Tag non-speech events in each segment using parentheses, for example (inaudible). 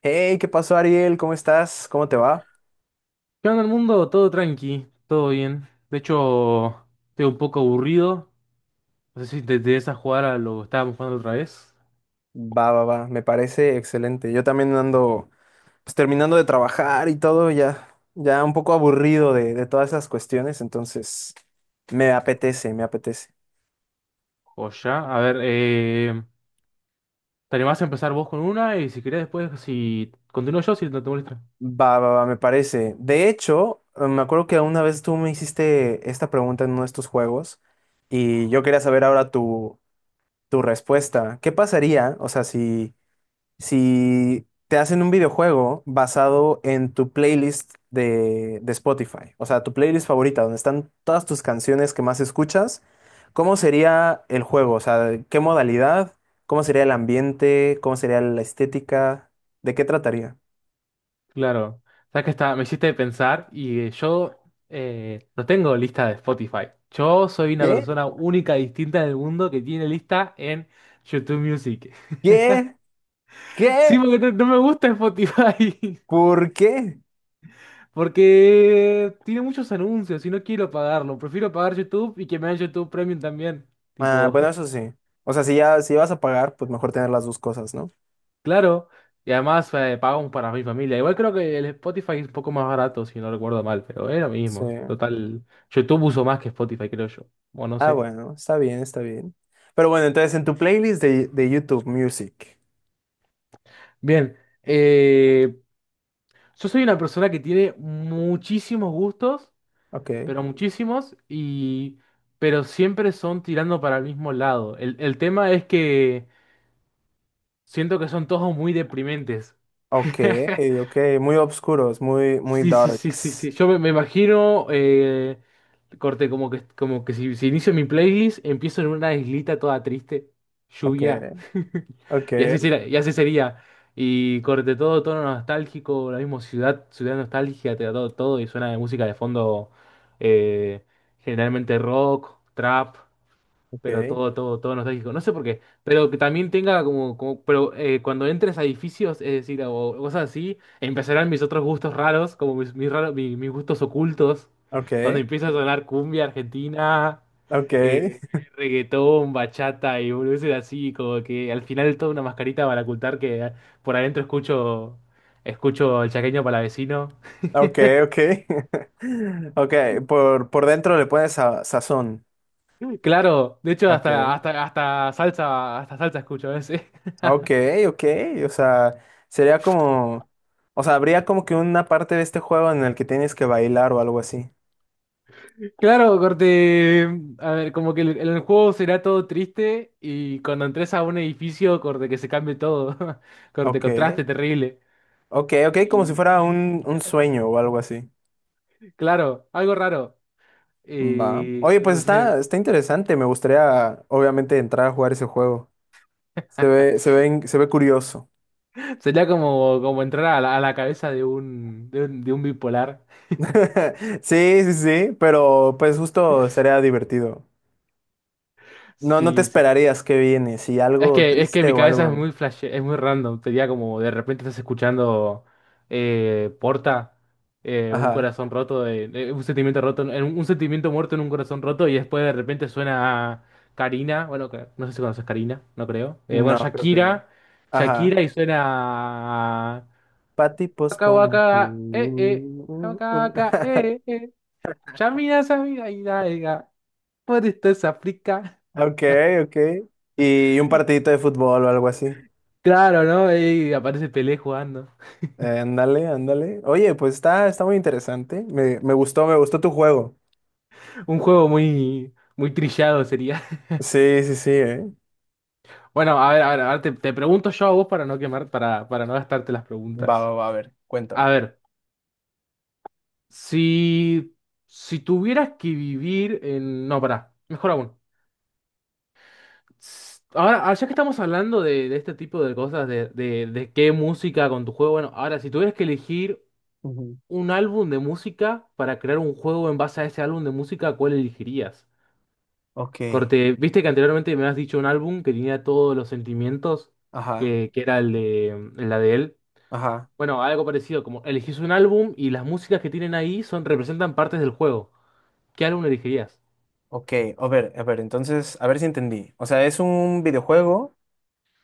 Hey, ¿qué pasó, Ariel? ¿Cómo estás? ¿Cómo te va? ¿Qué onda el mundo? Todo tranqui, todo bien. De hecho, estoy un poco aburrido. No sé si te interesa jugar a lo que estábamos jugando otra vez. Va, va, va, me parece excelente. Yo también ando pues terminando de trabajar y todo, ya, ya un poco aburrido de todas esas cuestiones, entonces me apetece, me apetece. O ya. A ver, te animás a empezar vos con una y si querés después, si continúo yo, si no te molesta. Va, va, va, me parece. De hecho, me acuerdo que una vez tú me hiciste esta pregunta en uno de estos juegos y yo quería saber ahora tu, tu respuesta. ¿Qué pasaría, o sea, si te hacen un videojuego basado en tu playlist de Spotify, o sea, tu playlist favorita, donde están todas tus canciones que más escuchas? ¿Cómo sería el juego? O sea, ¿qué modalidad? ¿Cómo sería el ambiente? ¿Cómo sería la estética? ¿De qué trataría? Claro. Sabes que está, me hiciste pensar y yo, no tengo lista de Spotify. Yo soy una ¿Qué? persona única, distinta en el mundo que tiene lista en YouTube Music. (laughs) ¿Qué? Sí, ¿Qué? porque no me gusta Spotify. ¿Por qué? Porque tiene muchos anuncios y no quiero pagarlo. Prefiero pagar YouTube y que me den YouTube Premium también. Ah, Tipo, bueno, eso (laughs) sí. O sea, si ya, si vas a pagar, pues mejor tener las dos cosas, ¿no? claro. Y además pagamos para mi familia. Igual creo que el Spotify es un poco más barato, si no recuerdo mal, pero es lo Sí. mismo. Total, YouTube uso más que Spotify, creo yo. Bueno, no Ah, sé. bueno, está bien, está bien. Pero bueno, entonces en tu playlist de YouTube Music. Bien, eh, yo soy una persona que tiene muchísimos gustos, Ok. pero muchísimos, y pero siempre son tirando para el mismo lado. El tema es que siento que son todos muy deprimentes. Ok, (laughs) ok. Muy oscuros, muy, muy Sí, sí, sí, sí, darks. sí. Me imagino, corte, como que si inicio mi playlist, empiezo en una islita toda triste, Ok, lluvia. (laughs) Y así ok, sería, y así sería. Y corte todo tono nostálgico, la misma ciudad, ciudad nostálgica, te da todo, todo, y suena de música de fondo, eh, generalmente rock, trap, pero ok, todo, todo, todo nostálgico. No sé por qué, pero que también tenga como, como pero cuando entres a edificios, es decir, o cosas así, empezarán mis otros gustos raros, como mis gustos ocultos, ok, donde empieza a sonar cumbia argentina, ok, eh, (laughs) reggaetón, bachata y boludeces así, como que al final toda una mascarita para ocultar que por adentro escucho el chaqueño para vecino. ok, ok. (laughs) Ok, por dentro le pones sa- sazón. Claro, de hecho Ok, hasta salsa escucho a veces. ok, ok. O sea, sería como. O sea, habría como que una parte de este juego en el que tienes que bailar o algo así. Claro, corte. A ver, como que el juego será todo triste y cuando entres a un edificio, corte, que se cambie todo. (laughs) Corte, Ok. contraste terrible. Ok, ok, como si Y, fuera un sueño o algo así. claro, algo raro. Va. Y, Oye, pues no sé, está, está interesante. Me gustaría, obviamente, entrar a jugar ese juego. Se ve, in- se ve curioso. sería como, como entrar a la cabeza de un, de un, de un bipolar. (laughs) Sí, sí, sí, pero pues justo estaría divertido. No, no te Sí, sí. esperarías que viene, si algo Es que triste mi o cabeza es algo. muy flash, es muy random. Sería como de repente estás escuchando Porta, un Ajá. corazón roto, un sentimiento roto, en- un sentimiento muerto en un corazón roto, y después de repente suena Karina, bueno, que no sé si conoces Karina, no creo. No, Bueno, creo que no. Shakira, Ajá. Shakira y suena Pa' tipos Waka Waka, como tú. Waka Waka, (laughs) eh. Yamina, Samira, Ida, Ida, por esto es África. Ok, ok. Y un partidito de fútbol o algo así. Claro, ¿no? Y aparece Pelé jugando. Ándale, ándale. Oye, pues está, está muy interesante. Me, me gustó tu juego. Un juego muy, muy trillado sería. (laughs) Sí, sí, sí, Bueno, a ver, a ver, a ver, te pregunto yo a vos para no quemar, para no gastarte las Va, va, preguntas. va, a ver, cuéntame. A ver, si, si tuvieras que vivir en... No, pará, mejor aún. S- ahora, ah, ya que estamos hablando de este tipo de cosas, de qué música con tu juego, bueno, ahora, si tuvieras que elegir Ujú. un álbum de música para crear un juego en base a ese álbum de música, ¿cuál elegirías? Ok, Corte, viste que anteriormente me has dicho un álbum que tenía todos los sentimientos, ajá, que era el de, el la de él. ajá, Bueno, algo parecido, como elegís un álbum y las músicas que tienen ahí son, representan partes del juego. ¿Qué álbum elegirías? ok. A ver, entonces, a ver si entendí. O sea, es un videojuego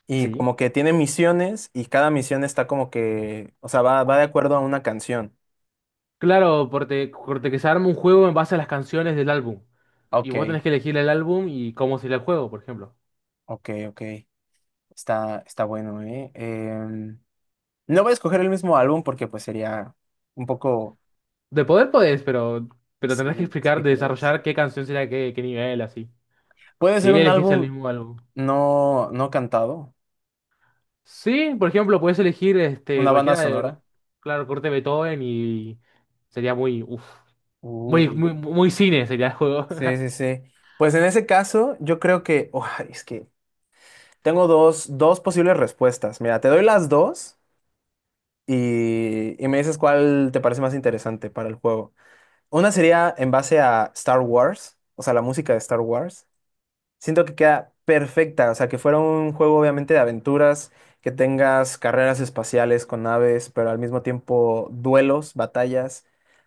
y Sí. como que tiene misiones y cada misión está como que, o sea, va, va de acuerdo a una canción. Claro, corte, corte que se arma un juego en base a las canciones del álbum. Y Ok, vos tenés que elegir el álbum y cómo sería el juego, por ejemplo. ok, ok. Está, está bueno, ¿eh? No voy a escoger el mismo álbum porque pues sería un poco, De poder podés, pero si, tendrás que explicar, si crees. desarrollar qué canción será qué, qué nivel, así. Puede Si ser un elegís el álbum mismo álbum. no, no cantado, Sí, por ejemplo, puedes elegir este, una banda cualquiera de, sonora. claro, corte Beethoven y sería muy, uf, muy, Uy. muy, muy cine sería el juego. Sí, sí, (laughs) sí. Pues en ese caso, yo creo que, oh, es que tengo dos, dos posibles respuestas. Mira, te doy las dos y me dices cuál te parece más interesante para el juego. Una sería en base a Star Wars, o sea, la música de Star Wars. Siento que queda perfecta, o sea, que fuera un juego obviamente de aventuras, que tengas carreras espaciales con naves, pero al mismo tiempo duelos, batallas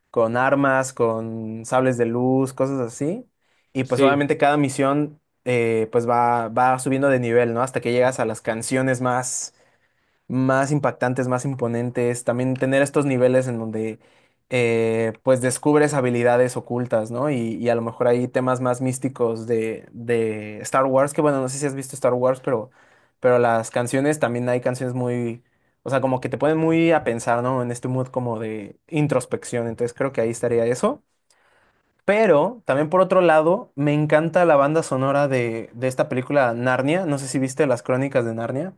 con armas, con sables de luz, cosas así. Y pues Sí, obviamente cada misión pues va, va subiendo de nivel, ¿no? Hasta que llegas a las canciones más más impactantes, más imponentes, también tener estos niveles en donde pues descubres habilidades ocultas, ¿no? Y a lo mejor hay temas más místicos de Star Wars, que bueno, no sé si has visto Star Wars, pero las canciones también hay canciones muy, o sea, como que te ponen muy a pensar, ¿no? En este mood como de introspección, entonces creo que ahí estaría eso. Pero también por otro lado, me encanta la banda sonora de esta película Narnia. No sé si viste las crónicas de Narnia.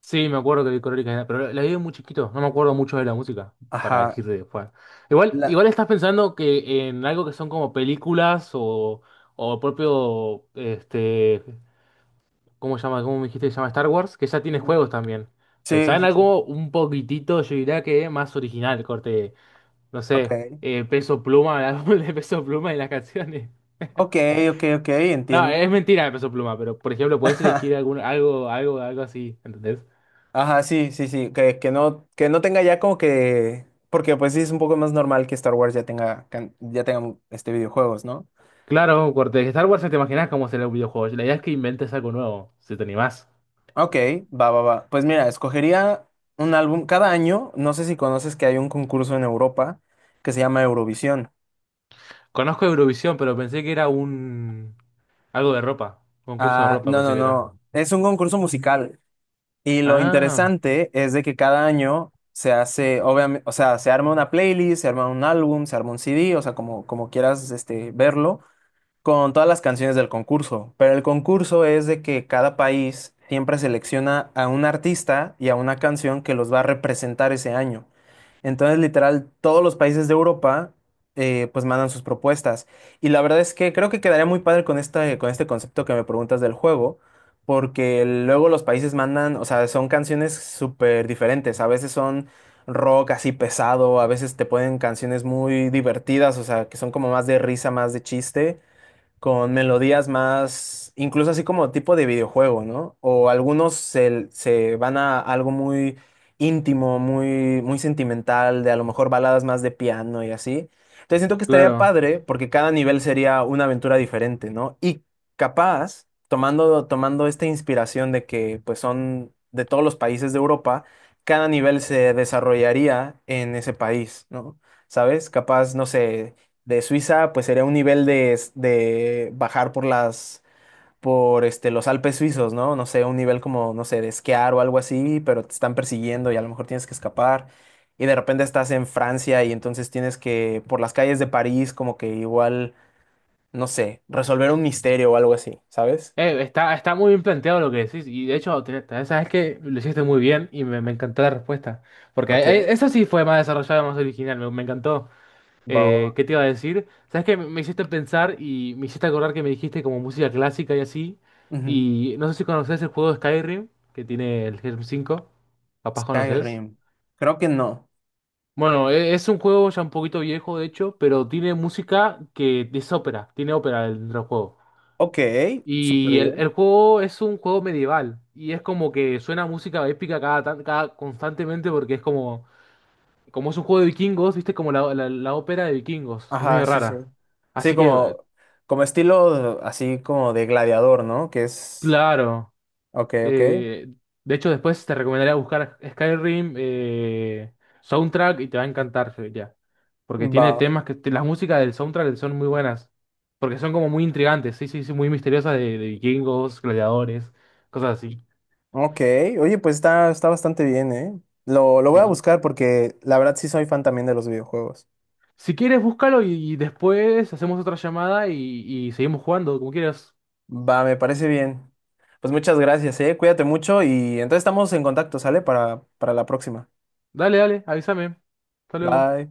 sí, me acuerdo que vi Crónicas de, pero la vi muy chiquito, no me acuerdo mucho de la música, para Ajá. decirte después. Igual, La, igual estás pensando que en algo que son como películas o propio, este, ¿cómo se llama? ¿Cómo me dijiste que se llama Star Wars? Que ya tiene juegos también. sí, Pensá en sí, sí. algo un poquitito, yo diría que más original, corte. No Ok. sé, Peso Pluma, el álbum (laughs) de Peso Pluma y las canciones. Ok, ok, ok, No, es entiendo. mentira de Peso Pluma, pero por ejemplo, (laughs) puedes elegir Ajá, algún, algo así, ¿entendés? ajá, sí, sí, sí. Que no tenga ya como que. Porque pues sí es un poco más normal que Star Wars ya tenga, can- ya tenga este videojuegos, ¿no? Claro, un corte, de Star Wars ya te imaginas cómo será un videojuego. La idea es que inventes algo nuevo, si te animás. Ok, va, va, va. Pues mira, escogería un álbum. Cada año, no sé si conoces que hay un concurso en Europa que se llama Eurovisión. Conozco Eurovisión, pero pensé que era un algo de ropa, concurso de Ah, ropa no, pensé no, que era. no. Es un concurso musical. Y lo Ah, interesante es de que cada año se hace, obviamente, o sea, se arma una playlist, se arma un álbum, se arma un CD, o sea, como, como quieras este, verlo, con todas las canciones del concurso, pero el concurso es de que cada país siempre selecciona a un artista y a una canción que los va a representar ese año. Entonces, literal, todos los países de Europa pues mandan sus propuestas. Y la verdad es que creo que quedaría muy padre con este concepto que me preguntas del juego, porque luego los países mandan, o sea, son canciones súper diferentes. A veces son rock así pesado, a veces te ponen canciones muy divertidas, o sea, que son como más de risa, más de chiste con melodías más, incluso así como tipo de videojuego, ¿no? O algunos se, se van a algo muy íntimo, muy, muy sentimental, de a lo mejor baladas más de piano y así. Entonces siento que estaría claro. padre porque cada nivel sería una aventura diferente, ¿no? Y capaz, tomando, tomando esta inspiración de que pues son de todos los países de Europa, cada nivel se desarrollaría en ese país, ¿no? ¿Sabes? Capaz, no sé de Suiza, pues sería un nivel de, s- de bajar por las, por este, los Alpes suizos, ¿no? No sé, un nivel como, no sé, de esquiar o algo así, pero te están persiguiendo y a lo mejor tienes que escapar. Y de repente estás en Francia y entonces tienes que, por las calles de París, como que igual, no sé, resolver un misterio o algo así, ¿sabes? Está, está muy bien planteado lo que decís. Y de hecho, te- te- sabes que lo hiciste muy bien y me encantó la respuesta. Porque Ok, eso sí fue más desarrollado, más original. Me encantó. Bao- ¿Qué te iba a decir? Sabes que me hiciste pensar y me hiciste acordar que me dijiste como música clásica y así. Ujú. Y no sé si conoces el juego de Skyrim que tiene el Helm 5. Capaz conoces. Skyrim. Creo que no. Bueno, e- es un juego ya un poquito viejo, de hecho, pero tiene música que es ópera. Tiene ópera dentro del juego. Ok. Súper Y el, bien. el juego es un juego medieval. Y es como que suena música épica cada, tan- cada constantemente porque es como. Como es un juego de vikingos, viste como la ópera de vikingos. Es Ajá, medio sí, sí. rara. Sí, Así que como, como estilo así como de gladiador, ¿no? Que es. claro. Ok, ok. eh, de hecho, después te recomendaría buscar Skyrim, soundtrack y te va a encantar, ya. Porque tiene Va. temas que las músicas del soundtrack son muy buenas. Porque son como muy intrigantes, sí, sí, sí, muy misteriosas de vikingos, gladiadores, cosas así. Ok. Oye, pues está, está bastante bien, ¿eh? Lo voy a Sí. buscar porque la verdad sí soy fan también de los videojuegos. Si quieres, búscalo y después hacemos otra llamada y seguimos jugando, como quieras. Va, me parece bien. Pues muchas gracias, ¿eh? Cuídate mucho y entonces estamos en contacto, ¿sale? Para la próxima. Dale, dale, avísame. Hasta luego. Bye.